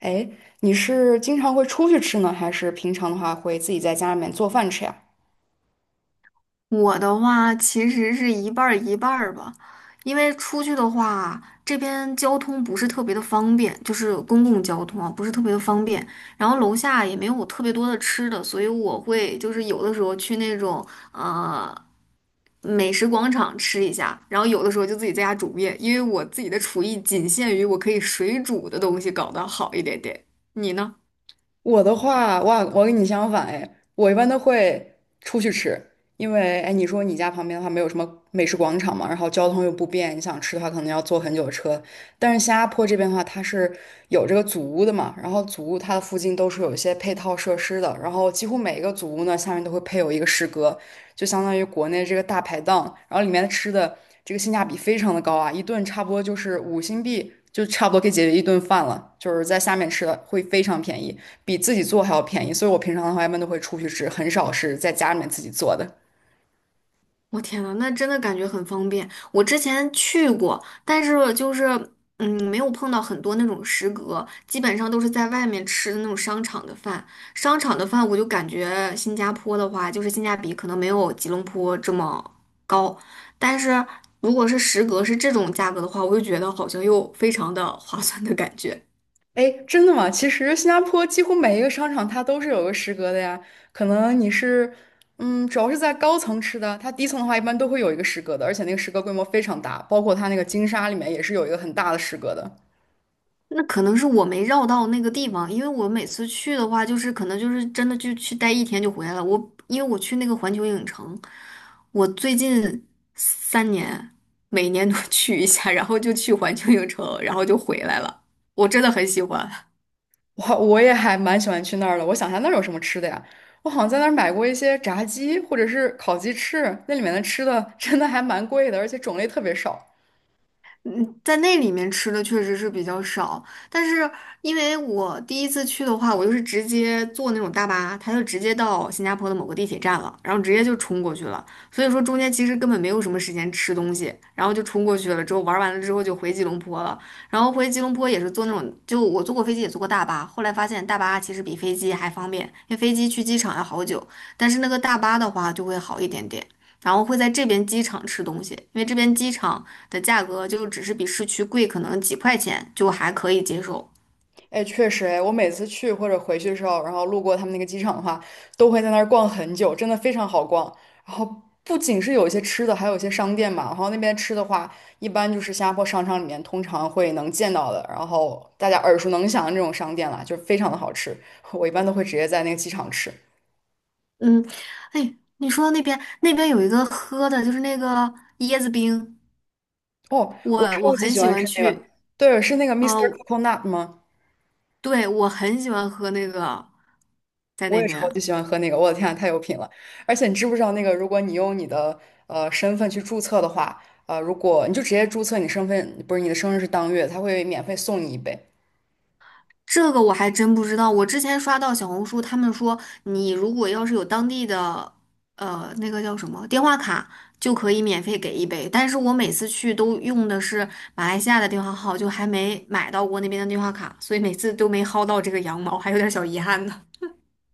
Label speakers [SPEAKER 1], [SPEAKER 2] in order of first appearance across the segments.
[SPEAKER 1] 哎，你是经常会出去吃呢，还是平常的话会自己在家里面做饭吃呀？
[SPEAKER 2] 我的话其实是一半儿一半儿吧，因为出去的话，这边交通不是特别的方便，就是公共交通啊，不是特别的方便。然后楼下也没有特别多的吃的，所以我会就是有的时候去那种呃美食广场吃一下，然后有的时候就自己在家煮面，因为我自己的厨艺仅限于我可以水煮的东西搞得好一点点。你呢？
[SPEAKER 1] 我的话，哇，我跟你相反哎，我一般都会出去吃，因为哎，你说你家旁边的话没有什么美食广场嘛，然后交通又不便，你想吃的话可能要坐很久的车，但是新加坡这边的话，它是有这个祖屋的嘛，然后祖屋它的附近都是有一些配套设施的，然后几乎每一个祖屋呢下面都会配有一个食阁，就相当于国内这个大排档，然后里面的吃的这个性价比非常的高啊，一顿差不多就是5新币，就差不多可以解决一顿饭了，就是在下面吃的会非常便宜，比自己做还要便宜，所以我平常的话一般都会出去吃，很少是在家里面自己做的。
[SPEAKER 2] 我天呐，那真的感觉很方便。我之前去过，但是就是没有碰到很多那种食阁，基本上都是在外面吃的那种商场的饭。商场的饭，我就感觉新加坡的话，就是性价比可能没有吉隆坡这么高。但是如果是食阁是这种价格的话，我就觉得好像又非常的划算的感觉。
[SPEAKER 1] 哎，真的吗？其实新加坡几乎每一个商场它都是有个食阁的呀。可能你是，主要是在高层吃的，它低层的话一般都会有一个食阁的，而且那个食阁规模非常大，包括它那个金沙里面也是有一个很大的食阁的。
[SPEAKER 2] 那可能是我没绕到那个地方，因为我每次去的话，就是可能就是真的就去待一天就回来了。因为我去那个环球影城，我最近3年每年都 去一下，然后就去环球影城，然后就回来了。我真的很喜欢。
[SPEAKER 1] 我也还蛮喜欢去那儿的。我想一下那儿有什么吃的呀？我好像在那儿买过一些炸鸡或者是烤鸡翅，那里面的吃的真的还蛮贵的，而且种类特别少。
[SPEAKER 2] 嗯，在那里面吃的确实是比较少，但是因为我第一次去的话，我就是直接坐那种大巴，它就直接到新加坡的某个地铁站了，然后直接就冲过去了，所以说中间其实根本没有什么时间吃东西，然后就冲过去了，之后玩完了之后就回吉隆坡了，然后回吉隆坡也是坐那种，就我坐过飞机也坐过大巴，后来发现大巴其实比飞机还方便，因为飞机去机场要好久，但是那个大巴的话就会好一点点。然后会在这边机场吃东西，因为这边机场。的价格就只是比市区贵可能几块钱，就还可以接受。
[SPEAKER 1] 哎，确实，哎，我每次去或者回去的时候，然后路过他们那个机场的话，都会在那儿逛很久，真的非常好逛。然后不仅是有一些吃的，还有一些商店嘛。然后那边吃的话，一般就是新加坡商场里面通常会能见到的，然后大家耳熟能详的这种商店啦，就是非常的好吃。我一般都会直接在那个机场吃。
[SPEAKER 2] 嗯，哎，你说到那边那边有一个喝的，就是那个椰子冰，
[SPEAKER 1] 哦，
[SPEAKER 2] 我
[SPEAKER 1] 我
[SPEAKER 2] 我
[SPEAKER 1] 超级
[SPEAKER 2] 很
[SPEAKER 1] 喜
[SPEAKER 2] 喜
[SPEAKER 1] 欢
[SPEAKER 2] 欢
[SPEAKER 1] 吃那个，
[SPEAKER 2] 去，
[SPEAKER 1] 对，是那个 Mr. i s
[SPEAKER 2] 呃，
[SPEAKER 1] t e Coconut 吗？
[SPEAKER 2] 对，我很喜欢喝那个，在
[SPEAKER 1] 我
[SPEAKER 2] 那
[SPEAKER 1] 也
[SPEAKER 2] 边。
[SPEAKER 1] 超级喜欢喝那个，我的天啊，太有品了！而且你知不知道，那个如果你用你的身份去注册的话，如果你就直接注册你身份，不是你的生日是当月，他会免费送你一杯。
[SPEAKER 2] 这个我还真不知道。我之前刷到小红书，他们说你如果要是有当地的，那个叫什么电话卡，就可以免费给一杯。但是我每次去都用的是马来西亚的电话号，就还没买到过那边的电话卡，所以每次都没薅到这个羊毛，还有点小遗憾呢。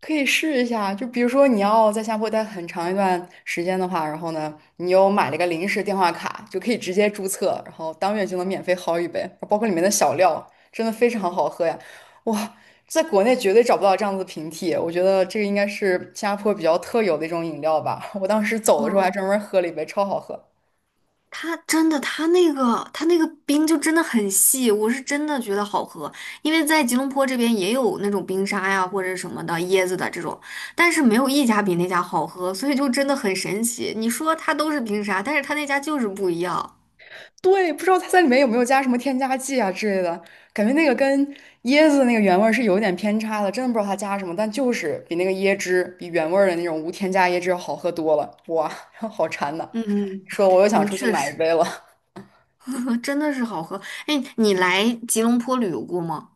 [SPEAKER 1] 可以试一下，就比如说你要在新加坡待很长一段时间的话，然后呢，你又买了一个临时电话卡，就可以直接注册，然后当月就能免费薅一杯，包括里面的小料，真的非常好喝呀！哇，在国内绝对找不到这样子的平替，我觉得这个应该是新加坡比较特有的一种饮料吧。我当时走的时候还
[SPEAKER 2] 哦
[SPEAKER 1] 专门喝了一杯，超好喝。
[SPEAKER 2] 它真的，它那个冰就真的很细，我是真的觉得好喝。因为在吉隆坡这边也有那种冰沙呀，或者什么的椰子的这种，但是没有一家比那家好喝，所以就真的很神奇。你说它都是冰沙，但是它那家就是不一样，
[SPEAKER 1] 对，不知道它在里面有没有加什么添加剂啊之类的，感觉那个跟椰子那个原味儿是有点偏差的，真的不知道它加什么，但就是比那个椰汁，比原味儿的那种无添加椰汁要好喝多了。哇，好馋呐！
[SPEAKER 2] 嗯嗯，
[SPEAKER 1] 说我又想
[SPEAKER 2] 嗯
[SPEAKER 1] 出去
[SPEAKER 2] 确
[SPEAKER 1] 买一杯
[SPEAKER 2] 实。
[SPEAKER 1] 了。
[SPEAKER 2] 真的是好喝。哎，你来吉隆坡旅游过吗？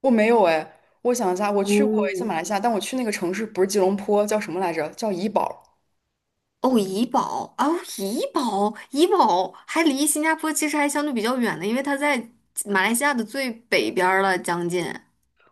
[SPEAKER 1] 我没有哎，我想一下，我
[SPEAKER 2] 哦，
[SPEAKER 1] 去过一次马
[SPEAKER 2] 嗯
[SPEAKER 1] 来西亚，但我去那个城市不是吉隆坡，叫什么来着？叫怡保。
[SPEAKER 2] 哦，怡保哦，怡保，怡保还离新加坡其实还相对比较远的，因为它在马来西亚的最北边儿了，将近。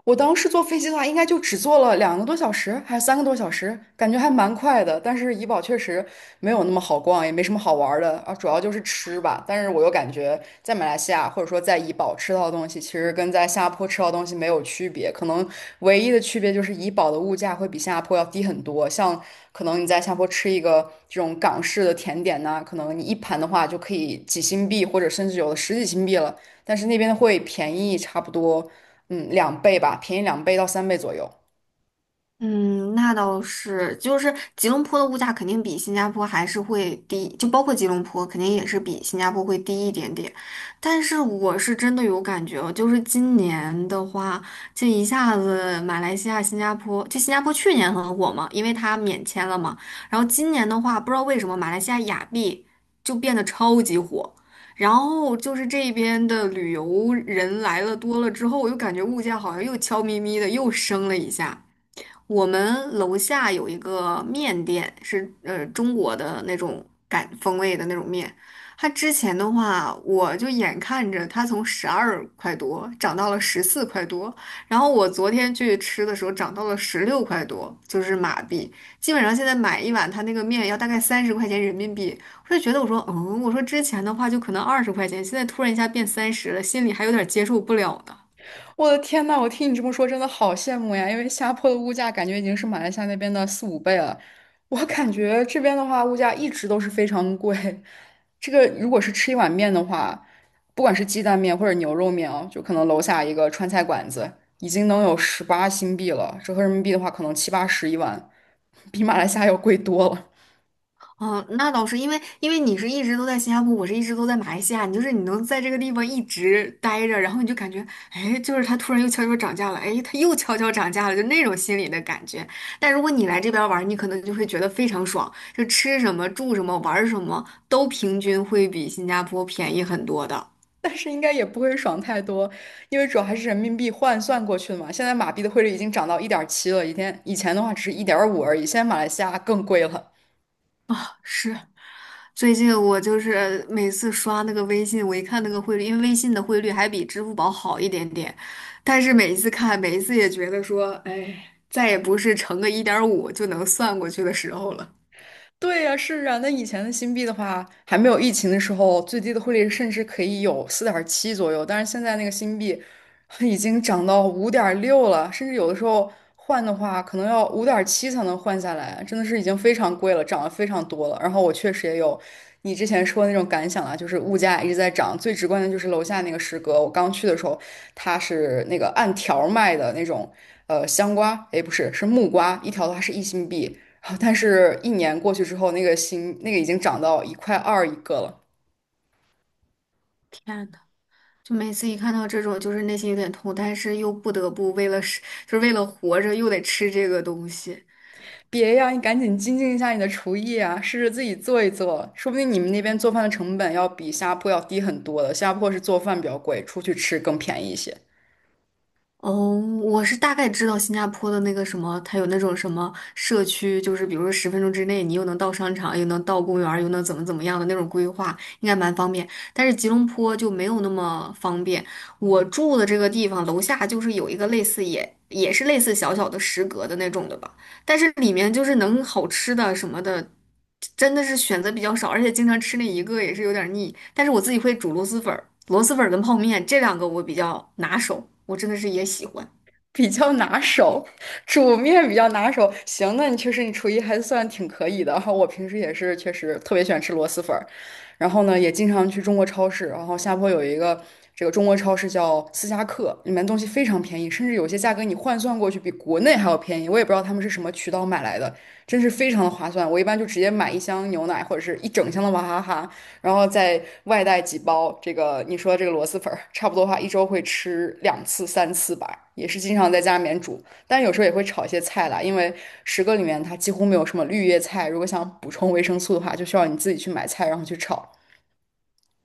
[SPEAKER 1] 我当时坐飞机的话，应该就只坐了2个多小时，还是3个多小时，感觉还蛮快的。但是怡保确实没有那么好逛，也没什么好玩儿的啊，主要就是吃吧。但是我又感觉在马来西亚或者说在怡保吃到的东西，其实跟在新加坡吃到的东西没有区别，可能唯一的区别就是怡保的物价会比新加坡要低很多。像可能你在新加坡吃一个这种港式的甜点呐、可能你一盘的话就可以几新币，或者甚至有的十几新币了。但是那边会便宜差不多。嗯，两倍吧，便宜两倍到3倍左右。
[SPEAKER 2] 嗯，那倒是，就是吉隆坡的物价肯定比新加坡还是会低，就包括吉隆坡肯定也是比新加坡会低一点点。但是我是真的有感觉哦，就是今年的话，这一下子马来西亚、新加坡，就新加坡去年很火嘛，因为它免签了嘛。然后今年的话，不知道为什么马来西亚亚庇就变得超级火。然后就是这边的旅游人来了多了之后，我就感觉物价好像又悄咪咪的又升了一下。我们楼下有一个面店，是中国的那种感风味的那种面。它之前的话，我就眼看着它从12块多涨到了14块多，然后我昨天去吃的时候涨到了16块多，就是马币。基本上现在买一碗它那个面要大概30块钱人民币，我就觉得我说嗯，我说之前的话就可能20块钱，现在突然一下变三十了，心里还有点接受不了呢。
[SPEAKER 1] 我的天呐，我听你这么说，真的好羡慕呀！因为新加坡的物价感觉已经是马来西亚那边的4、5倍了。我感觉这边的话，物价一直都是非常贵。这个如果是吃一碗面的话，不管是鸡蛋面或者牛肉面哦，就可能楼下一个川菜馆子已经能有18新币了，折合人民币的话，可能七八十一碗，比马来西亚要贵多了。
[SPEAKER 2] 哦，那倒是，因为因为你是一直都在新加坡，我是一直都在马来西亚，你就是你能在这个地方一直待着，然后你就感觉，哎，就是它突然又悄悄涨价了，哎，它又悄悄涨价了，就那种心理的感觉。但如果你来这边玩儿你可能就会觉得非常爽，就吃什么、住什么、玩儿什么都平均会比新加坡便宜很多的。
[SPEAKER 1] 但是应该也不会爽太多，因为主要还是人民币换算过去的嘛。现在马币的汇率已经涨到1.7了，以前的话只是1.5而已，现在马来西亚更贵了。
[SPEAKER 2] 是，最近我就是每次刷那个微信，我一看那个汇率，因为微信的汇率还比支付宝好一点点，但是每一次看，每一次也觉得说，哎，再也不是乘个1.5就能算过去的时候了。
[SPEAKER 1] 对呀，是啊，那以前的新币的话，还没有疫情的时候，最低的汇率甚至可以有4.7左右，但是现在那个新币已经涨到5.6了，甚至有的时候换的话，可能要5.7才能换下来，真的是已经非常贵了，涨了非常多了。然后我确实也有你之前说的那种感想啊，就是物价一直在涨，最直观的就是楼下那个食阁，我刚去的时候，它是那个按条儿卖的那种，香瓜，诶，不是，是木瓜，一条的话是1新币。啊但是，一年过去之后，那个心那个已经涨到1块2一个了。
[SPEAKER 2] 天呐，就每次一看到这种，就是内心有点痛，但是又不得不为了是，就是为了活着，又得吃这个东西。
[SPEAKER 1] 别呀，你赶紧精进一下你的厨艺啊，试着自己做一做，说不定你们那边做饭的成本要比新加坡要低很多的。新加坡是做饭比较贵，出去吃更便宜一些。
[SPEAKER 2] 哦，我是大概知道新加坡的那个什么，它有那种什么社区，就是比如说10分钟之内，你又能到商场，又能到公园儿又能怎么怎么样的那种规划，应该蛮方便。但是吉隆坡就没有那么方便。我住的这个地方楼下就是有一个类似也是类似小小的食阁的那种的吧。但是里面就是能好吃的什么的，真的是选择比较少，而且经常吃那一个也是有点腻。但是我自己会煮螺蛳粉儿跟泡面这两个我比较拿手，我真的是也喜欢。
[SPEAKER 1] 比较拿手，煮面比较拿手。行，那你确实你厨艺还算挺可以的。然后我平时也是确实特别喜欢吃螺蛳粉儿，然后呢也经常去中国超市。然后下坡有一个这个中国超市叫思佳客，里面东西非常便宜，甚至有些价格你换算过去比国内还要便宜。我也不知道他们是什么渠道买来的，真是非常的划算。我一般就直接买一箱牛奶或者是一整箱的娃哈哈，然后再外带几包这个你说这个螺蛳粉儿，差不多的话一周会吃两次三次吧，也是经常在家里面煮，但有时候也会炒一些菜啦，因为十个里面它几乎没有什么绿叶菜，如果想补充维生素的话，就需要你自己去买菜然后去炒。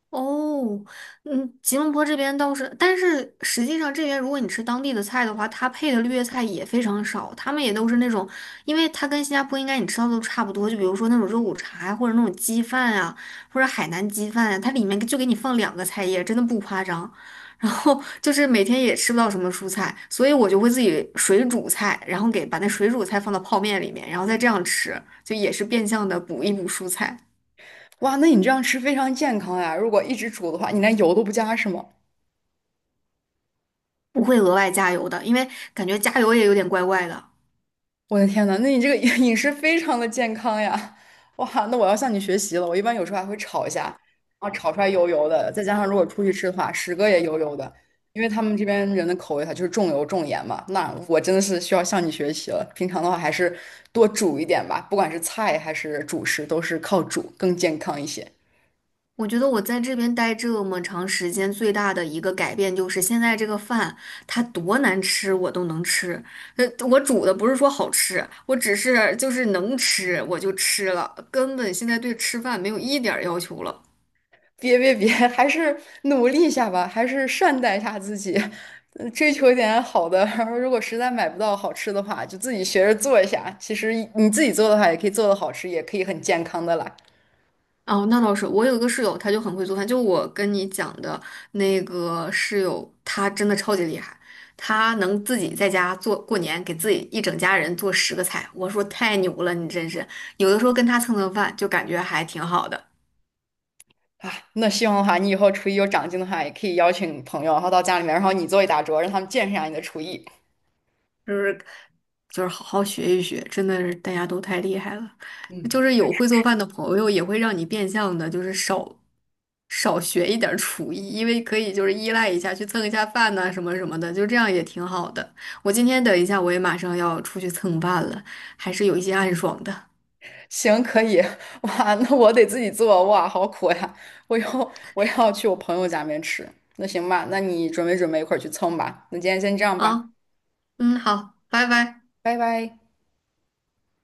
[SPEAKER 2] 哦，嗯，吉隆坡这边倒是，但是实际上这边如果你吃当地的菜的话，它配的绿叶菜也非常少，他们也都是那种，因为它跟新加坡应该你吃到的都差不多，就比如说那种肉骨茶呀，或者那种鸡饭呀，或者海南鸡饭呀，它里面就给你放两个菜叶，真的不夸张。然后就是每天也吃不到什么蔬菜，所以我就会自己水煮菜，然后给把那水煮菜放到泡面里面，然后再这样吃，就也是变相的补一补蔬菜。
[SPEAKER 1] 哇，那你这样吃非常健康呀！如果一直煮的话，你连油都不加是吗？
[SPEAKER 2] 不会额外加油的，因为感觉加油也有点怪怪的。
[SPEAKER 1] 我的天呐，那你这个 饮食非常的健康呀！哇，那我要向你学习了。我一般有时候还会炒一下，然后炒出来油油的，再加上如果出去吃的话，十个也油油的，因为他们这边人的口味它就是重油重盐嘛。那我真的是需要向你学习了。平常的话还是多煮一点吧，不管是菜还是主食，都是靠煮更健康一些。
[SPEAKER 2] 我觉得我在这边待这么长时间，最大的一个改变就是现在这个饭它多难吃我都能吃。呃，我煮的不是说好吃，我只是就是能吃我就吃了，根本现在对吃饭没有一点儿要求了。
[SPEAKER 1] 别别别，还是努力一下吧，还是善待一下自己，嗯追求一点好的。然后，如果实在买不到好吃的话，就自己学着做一下。其实你自己做的话，也可以做的好吃，也可以很健康的啦。
[SPEAKER 2] 哦，那倒是。我有一个室友，他就很会做饭，就我跟你讲的那个室友，他真的超级厉害，他能自己在家做，过年给自己一整家人做10个菜。我说太牛了，你真是有的时候跟他蹭蹭饭，就感觉还挺好的。
[SPEAKER 1] 啊，那希望的话，你以后厨艺有长进的话，也可以邀请朋友，然后到家里面，然后你做一大桌，让他们见识一下你的厨艺。
[SPEAKER 2] 就是就是好好学一学，真的是大家都太厉害了。
[SPEAKER 1] 嗯，
[SPEAKER 2] 就是有会做饭的朋友，也会让你变相的，就是少学一点儿厨艺，因为可以就是依赖一下，去蹭一下饭呐、什么什么的，就这样也挺好的。我今天等一下，我也马上要出去蹭饭了，还是有一些暗爽的
[SPEAKER 1] 行，可以。哇，那我得自己做，哇，好苦呀！我要去我朋友家里面吃。那行吧，那你准备准备，一块儿去蹭吧。那今天先这样吧，
[SPEAKER 2] 啊。嗯，好，拜拜。
[SPEAKER 1] 拜拜。